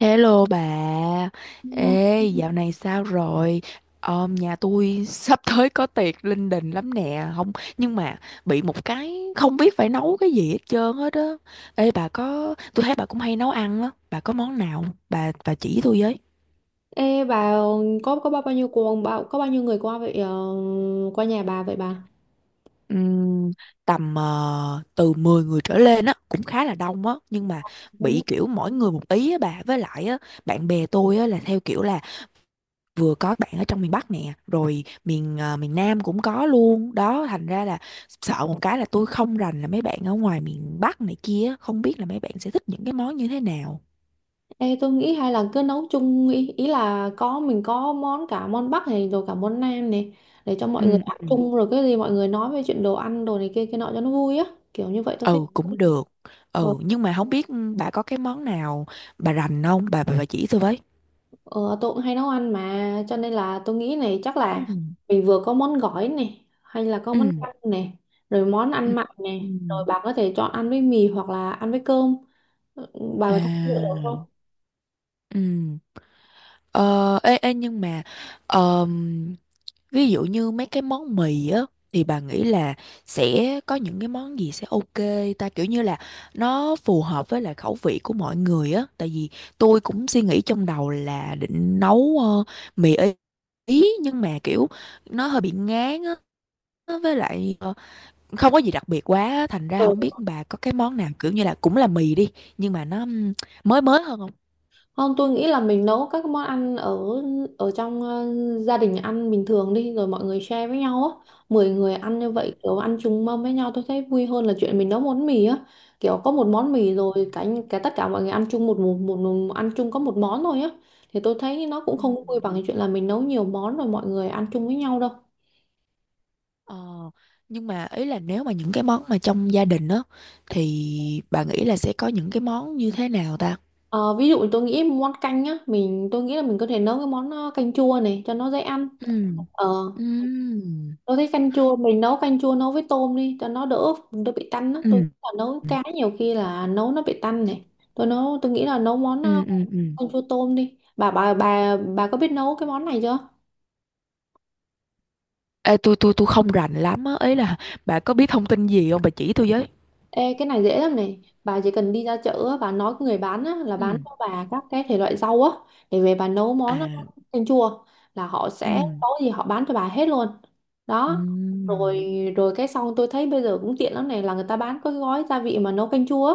Hello bà, Vâng. ê dạo này sao rồi? Ờ, nhà tôi sắp tới có tiệc linh đình lắm nè, không nhưng mà bị một cái không biết phải nấu cái gì hết trơn hết á. Ê bà có, tôi thấy bà cũng hay nấu ăn á, bà có món nào bà chỉ tôi với. Ê bà có bao bao nhiêu cuồng bao có bao nhiêu người qua vậy qua nhà bà vậy bà? Ừm, tầm từ 10 người trở lên á cũng khá là đông á, nhưng mà Đúng. bị kiểu mỗi người một ý á bà, với lại á bạn bè tôi á là theo kiểu là vừa có bạn ở trong miền Bắc nè, rồi miền Nam cũng có luôn đó, thành ra là sợ một cái là tôi không rành là mấy bạn ở ngoài miền Bắc này kia, không biết là mấy bạn sẽ thích những cái món như thế nào. Ê tôi nghĩ hay là cứ nấu chung, ý là mình có món, cả món Bắc này rồi cả món Nam này, để cho mọi người Ừ, ăn ừ. chung rồi cái gì mọi người nói về chuyện đồ ăn đồ này kia kia nọ cho nó vui á, kiểu như vậy tôi thích. Ừ, cũng được. Ừ, nhưng mà không biết bà có cái món nào bà rành không bà, bà chỉ tôi với. Ờ, tôi cũng hay nấu ăn mà cho nên là tôi nghĩ này, chắc Ừ. là mình vừa có món gỏi này hay là có món Ừ. canh này rồi món Ừ. ăn mặn Ừ. này, rồi bà có thể chọn ăn với mì hoặc là ăn với cơm. Ừ, bà À. bà thấy được không? Ừ. ờ ê ê nhưng mà ờm, ví dụ như mấy cái món mì á, thì bà nghĩ là sẽ có những cái món gì sẽ ok ta, kiểu như là nó phù hợp với lại khẩu vị của mọi người á, tại vì tôi cũng suy nghĩ trong đầu là định nấu mì Ý Ý, nhưng mà kiểu nó hơi bị ngán á, với lại không có gì đặc biệt quá á. Thành ra Ừ. không biết bà có cái món nào kiểu như là cũng là mì đi, nhưng mà nó mới mới hơn không? Không, tôi nghĩ là mình nấu các món ăn ở ở trong gia đình ăn bình thường đi rồi mọi người share với nhau á. 10 người ăn như vậy, kiểu ăn chung mâm với nhau tôi thấy vui hơn là chuyện mình nấu món mì á. Kiểu có một món mì rồi cả cả tất cả mọi người ăn chung một ăn chung có một món thôi á. Thì tôi thấy nó cũng Ừ. không Ừ. vui bằng cái chuyện là mình nấu nhiều món rồi mọi người ăn chung với nhau đâu. Ờ, nhưng mà ý là nếu mà những cái món mà trong gia đình á, thì bà nghĩ là sẽ có những cái món như thế nào ta? Ờ, Ví dụ tôi nghĩ món canh á, tôi nghĩ là mình có thể nấu cái món canh chua này cho nó dễ ăn. Ừ. Ờ, Ừ. Tôi thấy canh chua mình nấu canh chua nấu với tôm đi cho nó đỡ đỡ bị tanh á. Tôi nghĩ Ừ. là nấu cá nhiều khi là nấu nó bị tanh này. Tôi nghĩ là nấu món Ừ. Ừ. Ừ. canh chua tôm đi. Bà có biết nấu cái món này chưa? Ê, tôi không rành lắm á, ý là bà có biết thông tin gì không, bà chỉ tôi với. Ê, cái này dễ lắm này, bà chỉ cần đi ra chợ á, bà nói với người bán á, là bán Ừ. cho bà các cái thể loại rau á để về bà nấu À. món canh chua là họ sẽ Ừ. có gì họ bán cho bà hết luôn Ừ. đó. Rồi rồi cái xong tôi thấy bây giờ cũng tiện lắm này là người ta bán có cái gói gia vị mà nấu canh chua á,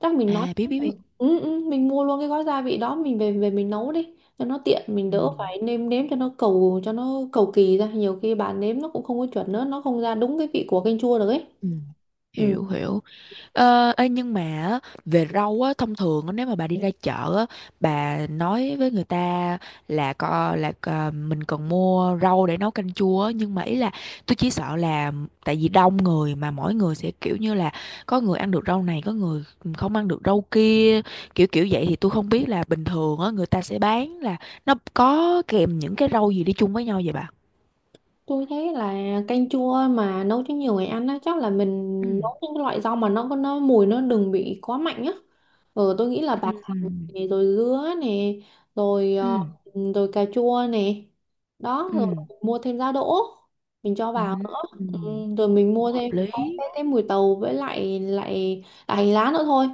chắc mình nói À, biết biết biết. ừ, ừ, mình mua luôn cái gói gia vị đó mình về về mình nấu đi cho nó tiện, mình Ừ. đỡ phải nêm nếm cho nó cầu kỳ ra, nhiều khi bà nếm nó cũng không có chuẩn nữa, nó không ra đúng cái vị của canh chua được ấy. Ừ. Ừ. Hiểu hiểu. Ờ, ê, nhưng mà á, về rau á thông thường á, nếu mà bà đi ra chợ á, bà nói với người ta là mình cần mua rau để nấu canh chua á, nhưng mà ý là tôi chỉ sợ là tại vì đông người mà mỗi người sẽ kiểu như là có người ăn được rau này, có người không ăn được rau kia, kiểu kiểu vậy, thì tôi không biết là bình thường á người ta sẽ bán là nó có kèm những cái rau gì đi chung với nhau vậy bà? Tôi thấy là canh chua mà nấu cho nhiều người ăn á, chắc là mình Ừ. nấu những cái loại rau mà nó có nó mùi nó đừng bị quá mạnh á. Ừ, tôi nghĩ là bạc hà Ừ. này, rồi dứa nè, rồi ờ, Ừ. rồi cà chua nè. Đó, rồi Ừ. mua thêm giá đỗ mình cho Ừ. vào nữa. Ừ. Ừ, rồi mình Cũng mua hợp thêm cái, lý. cái, cái mùi tàu với lại lại lại hành lá nữa thôi.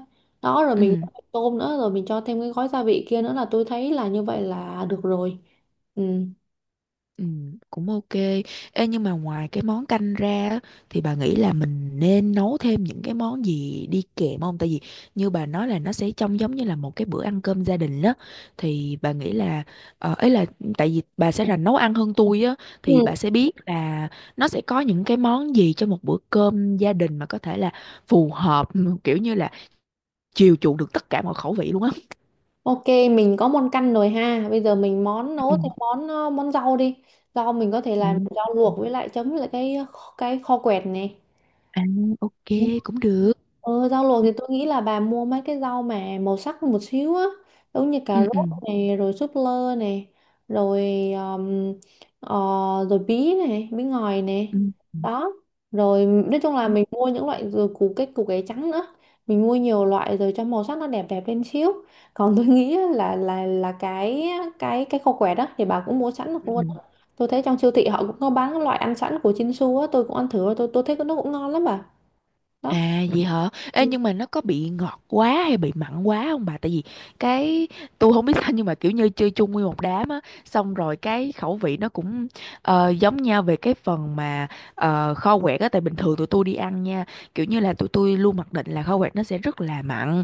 Đó, rồi mình Ừ. mua thêm tôm nữa rồi mình cho thêm cái gói gia vị kia nữa là tôi thấy là như vậy là được rồi. Ừ. Ừ, cũng ok. Ê, nhưng mà ngoài cái món canh ra á, thì bà nghĩ là mình nên nấu thêm những cái món gì đi kèm không? Tại vì như bà nói là nó sẽ trông giống như là một cái bữa ăn cơm gia đình đó. Thì bà nghĩ là ấy là tại vì bà sẽ là nấu ăn hơn tôi á, Ừ. thì bà sẽ biết là nó sẽ có những cái món gì cho một bữa cơm gia đình mà có thể là phù hợp, kiểu như là chiều chuộng được tất cả mọi khẩu vị luôn á. Ok, mình có món căn rồi ha. Bây giờ mình món nấu Ừ. thì món ờ, món rau đi. Rau mình có thể làm Ừ. rau luộc với lại chấm với lại cái kho quẹt này. À, ok, Ừ. cũng được. Rau luộc Ừ, thì tôi nghĩ là bà mua mấy cái rau mà màu sắc một xíu á, giống như cà ừ. rốt Ừ. này rồi súp lơ này rồi um, ờ, rồi bí ngòi này. Ừ. Ừ. Đó, rồi nói chung là mình mua những loại, rồi củ cải trắng nữa, mình mua nhiều loại rồi cho màu sắc nó đẹp đẹp lên xíu. Còn tôi nghĩ á, là cái khô quẹt đó thì bà cũng mua sẵn được Ừ. luôn. Tôi thấy trong siêu thị họ cũng có bán cái loại ăn sẵn của Chinsu á, tôi cũng ăn thử rồi, tôi thấy nó cũng ngon lắm bà, đó. À vậy hả? Ừ. Ê, nhưng mà nó có bị ngọt quá hay bị mặn quá không bà? Tại vì cái tôi không biết sao, nhưng mà kiểu như chơi chung nguyên một đám á, xong rồi cái khẩu vị nó cũng giống nhau về cái phần mà kho quẹt á, tại bình thường tụi tôi đi ăn nha, kiểu như là tụi tôi luôn mặc định là kho quẹt nó sẽ rất là mặn,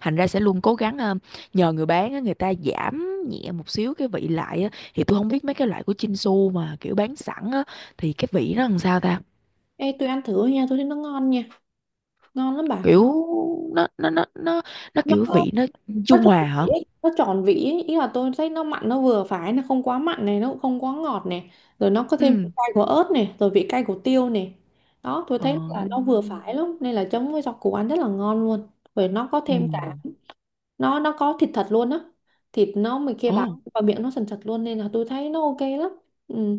thành ra sẽ luôn cố gắng nhờ người bán á người ta giảm nhẹ một xíu cái vị lại á, thì tôi không biết mấy cái loại của Chinsu mà kiểu bán sẵn á thì cái vị nó làm sao ta? Ê, tôi ăn thử nha, tôi thấy nó ngon nha, ngon lắm bà, Kiểu nó nó nó nó nó nó kiểu vị nó nó trung tròn hòa vị hả. ấy. Nó tròn vị ấy. Ý là tôi thấy nó mặn nó vừa phải, nó không quá mặn này, nó cũng không quá ngọt này, rồi nó có thêm vị Ừ. cay của ớt này rồi vị cay của tiêu này. Đó, tôi Ờ. thấy là nó vừa phải lắm nên là chấm với rau củ ăn rất là ngon luôn. Rồi nó có Ừ. thêm cả nó có thịt thật luôn á, thịt nó mình kia Ồ, bạc vào miệng nó sần sật luôn nên là tôi thấy nó ok lắm. Ừ.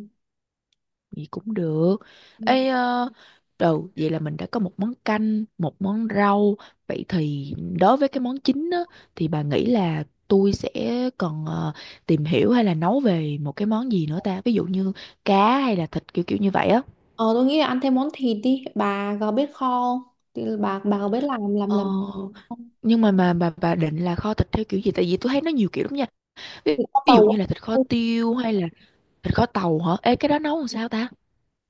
vậy cũng được. Ừ. Ê, đầu vậy là mình đã có một món canh, một món rau, vậy thì đối với cái món chính á thì bà nghĩ là tôi sẽ còn tìm hiểu hay là nấu về một cái món gì nữa ta, ví dụ như cá hay là thịt, kiểu kiểu như vậy á. ờ tôi nghĩ là ăn thêm món thịt đi, bà có biết kho không, thì bà có biết làm làm ờ làm nhưng mà bà định là kho thịt theo kiểu gì, tại vì tôi thấy nó nhiều kiểu lắm nha. Ví, Thì có ví dụ tàu. như là thịt kho tiêu, hay là thịt kho tàu hả? Ê cái đó nấu làm sao ta?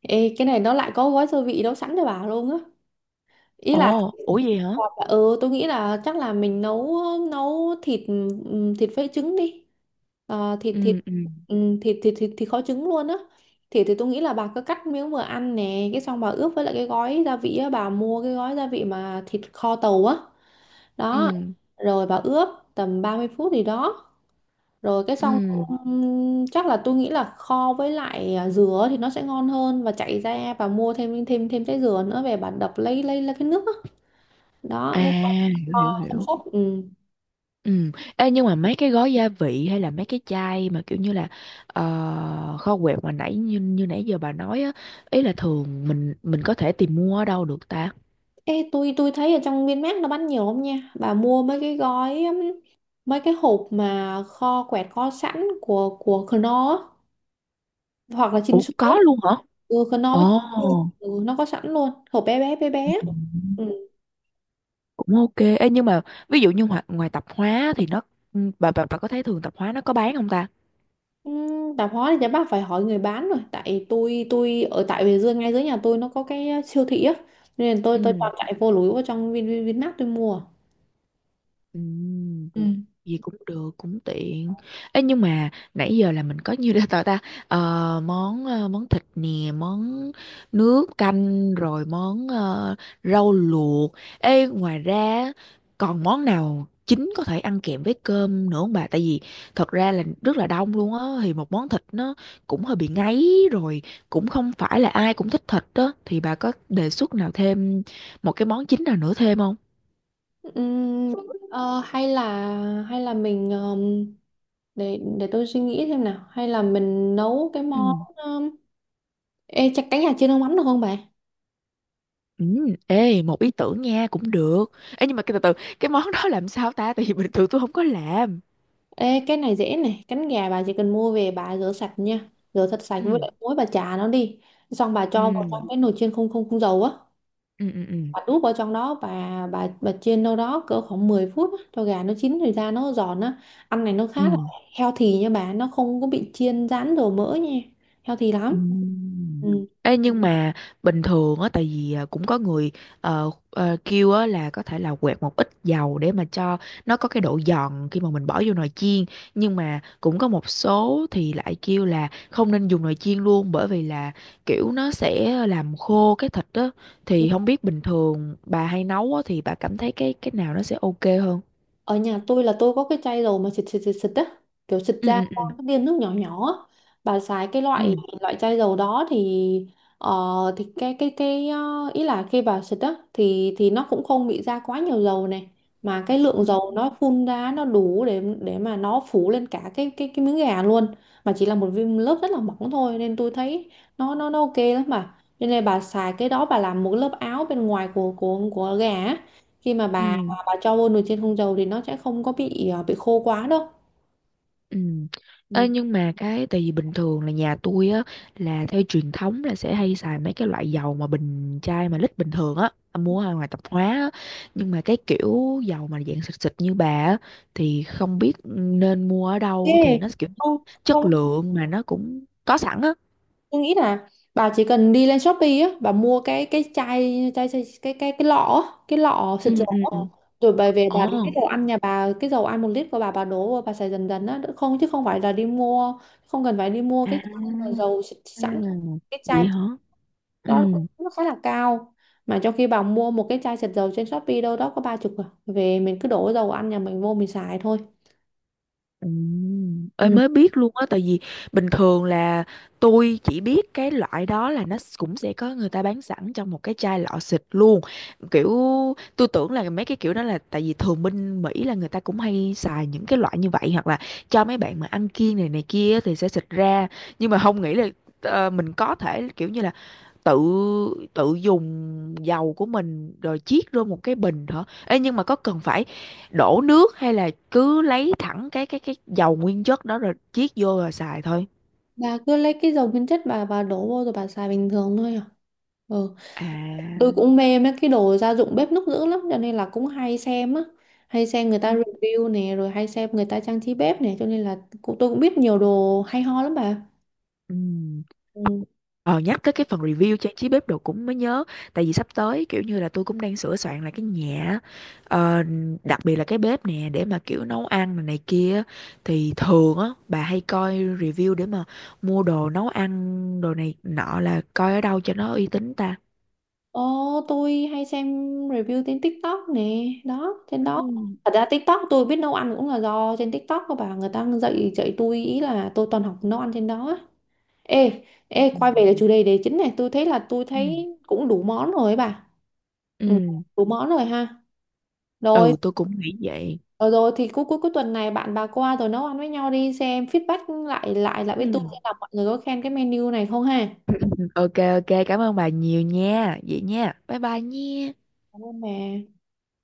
Ê, cái này nó lại có gói gia vị nấu sẵn cho bà luôn á, ý là Ồ, ủa gì hả? còn là- ừ tôi nghĩ là chắc là mình nấu nấu thịt, thịt với trứng đi. Ờ, thịt thịt Ừ. Ừ. Thịt thịt thịt thịt kho trứng luôn á. Thịt thì tôi nghĩ là bà cứ cắt miếng vừa ăn nè, cái xong bà ướp với lại cái gói gia vị á, bà mua cái gói gia vị mà thịt kho tàu á. Đó Ừ. rồi bà ướp tầm 30 phút gì đó, rồi cái xong Ừ. Chắc là tôi nghĩ là kho với lại dừa thì nó sẽ ngon hơn, và chạy ra và mua thêm thêm thêm trái dừa nữa, về bà đập lấy cái nước đó, đó À, cái kho hiểu hiểu xong hiểu. sốt. Ừ. Ừ. Ê, nhưng mà mấy cái gói gia vị hay là mấy cái chai mà kiểu như là kho quẹt mà nãy như như nãy giờ bà nói á, ý là thường mình có thể tìm mua ở đâu được ta? Ê, tôi thấy ở trong Vinmart nó bán nhiều không nha, bà mua mấy cái gói mấy cái hộp mà kho quẹt kho sẵn của Knorr á, hoặc là Chin Ủa, Su á. có luôn hả? Ừ, Knorr với Chin Ồ. Su, ừ, nó có sẵn luôn hộp bé bé bé bé. Ừ. Ừ. Cũng ok. Ê, nhưng mà ví dụ như ngoài tạp hóa thì nó bà có thấy thường tạp hóa nó có bán không ta? Tạp hóa thì chắc bác phải hỏi người bán rồi, tại tôi ở tại Bình Dương, ngay dưới nhà tôi nó có cái siêu thị á, nên tôi Ừ. toàn chạy vô lúi vào trong Vin Vin Vinmart tôi mua. Ừm, Ừ. gì cũng được, cũng tiện. Ê, nhưng mà nãy giờ là mình có nhiêu để tao ta, ờ, món món thịt nè, món nước canh, rồi món rau luộc. Ê, ngoài ra còn món nào chính có thể ăn kèm với cơm nữa không bà, tại vì thật ra là rất là đông luôn á, thì một món thịt nó cũng hơi bị ngấy rồi, cũng không phải là ai cũng thích thịt đó, thì bà có đề xuất nào thêm một cái món chính nào nữa thêm không? Ừm, ờ, hay là hay là mình để tôi suy nghĩ xem nào, hay là mình nấu cái món, Ừ. um, ê chắc cánh gà chiên nước mắm được không bà? Ừ, ê một ý tưởng nha, cũng được. Ê nhưng mà cái từ từ, cái món đó làm sao ta, tại vì bình thường tôi không có làm. Ê, cái này dễ này, cánh gà bà chỉ cần mua về bà rửa sạch nha, rửa thật sạch với Ừ. lại muối bà chà nó đi, xong bà cho vào Ừ. trong cái nồi chiên không không không dầu á. Ừ. Ừ. Ừ, Bà đút vào trong đó, bà chiên đâu đó cỡ khoảng 10 phút á, cho gà nó chín thì ra nó giòn á. Ăn này nó khá là ừ. healthy nha bà, nó không có bị chiên rán dầu mỡ nha, healthy lắm. Ừm. Ừ. Ê, nhưng mà bình thường á tại vì cũng có người kêu á là có thể là quẹt một ít dầu để mà cho nó có cái độ giòn khi mà mình bỏ vô nồi chiên, nhưng mà cũng có một số thì lại kêu là không nên dùng nồi chiên luôn, bởi vì là kiểu nó sẽ làm khô cái thịt á, thì không biết bình thường bà hay nấu á thì bà cảm thấy cái nào nó sẽ ok hơn. Ở nhà tôi là tôi có cái chai dầu mà xịt xịt xịt xịt á, kiểu xịt Ừ. ra Ừ. có Ừ. cái viên nước nhỏ nhỏ á. Bà xài cái loại Ừ. loại chai dầu đó thì ờ, thì ý là khi bà xịt á thì nó cũng không bị ra quá nhiều dầu này, mà cái lượng Ừ. dầu nó phun ra nó đủ để mà nó phủ lên cả cái miếng gà luôn. Mà chỉ là một viên lớp rất là mỏng thôi nên tôi thấy nó ok lắm, mà nên là bà xài cái đó bà làm một lớp áo bên ngoài của gà á. Khi mà bà Ừ. và cho vô nồi chiên không dầu thì nó sẽ không có bị bị khô quá đâu. Ừ. Ê, Ừ. nhưng mà cái tại vì bình thường là nhà tôi á là theo truyền thống là sẽ hay xài mấy cái loại dầu mà bình chai mà lít bình thường á, mua ở ngoài tạp hóa á. Nhưng mà cái kiểu dầu mà dạng xịt xịt như bà á thì không biết nên mua ở đâu Ê, thì nó kiểu không không, chất lượng mà nó cũng có sẵn á. tôi nghĩ là bà chỉ cần đi lên Shopee á, bà mua cái chai chai, chai cái lọ á, cái lọ xịt Ừ. dầu Ừ. á. Ừ. Rồi bà về bà Ồ. lấy cái dầu ăn nhà bà, cái dầu ăn 1 lít của bà đổ vào bà xài dần dần á, không, chứ không phải là đi mua, không cần phải đi mua cái chai mà À, dầu xịt sẵn đâu. Cái chai vậy hả. Ừ. đó nó khá là cao, mà trong khi bà mua một cái chai xịt dầu trên Shopee đâu đó có 30 à, về mình cứ đổ dầu ăn nhà mình vô mình xài thôi. Ơi mới biết luôn á, tại vì bình thường là tôi chỉ biết cái loại đó là nó cũng sẽ có người ta bán sẵn trong một cái chai lọ xịt luôn, kiểu tôi tưởng là mấy cái kiểu đó là tại vì thường bên Mỹ là người ta cũng hay xài những cái loại như vậy, hoặc là cho mấy bạn mà ăn kiêng này này kia thì sẽ xịt ra, nhưng mà không nghĩ là mình có thể kiểu như là tự tự dùng dầu của mình rồi chiết vô một cái bình hả? Ê, nhưng mà có cần phải đổ nước hay là cứ lấy thẳng cái dầu nguyên chất đó rồi chiết vô rồi xài thôi? Bà cứ lấy cái dầu nguyên chất bà đổ vô rồi bà xài bình thường thôi à. Ừ. Tôi À. cũng mê mấy cái đồ gia dụng bếp núc dữ lắm cho nên là cũng hay xem á, hay xem người Ừ. ta review nè, rồi hay xem người ta trang trí bếp nè, cho nên là tôi cũng biết nhiều đồ hay ho lắm bà. Ừ. Ừ. Ờ, nhắc tới cái phần review trang trí bếp đồ cũng mới nhớ, tại vì sắp tới kiểu như là tôi cũng đang sửa soạn lại cái nhà á. Ờ, đặc biệt là cái bếp nè, để mà kiểu nấu ăn này, này kia. Thì thường á bà hay coi review để mà mua đồ nấu ăn, đồ này nọ là coi ở đâu cho nó uy tín ta? Ồ, tôi hay xem review trên TikTok nè, đó trên Ừ. đó thật ra TikTok tôi biết nấu ăn cũng là do trên TikTok của bà, người ta dạy dạy tôi, ý là tôi toàn học nấu ăn trên đó á. Ê, ê, quay về Ừ. cái chủ đề đề chính này, tôi Ừ. thấy cũng đủ món rồi ấy bà. Ừ, Ừ, đủ món rồi ha. Rồi, ừ, tôi cũng nghĩ vậy. rồi, rồi thì cuối cuối cuối tuần này bạn bà qua rồi nấu ăn với nhau đi, xem feedback lại lại lại với tôi Ừ. xem là mọi người có khen cái menu này không ha. Ok, ok, cảm ơn bà nhiều nha. Vậy nha. Bye bye nha. Cảm ơn bà.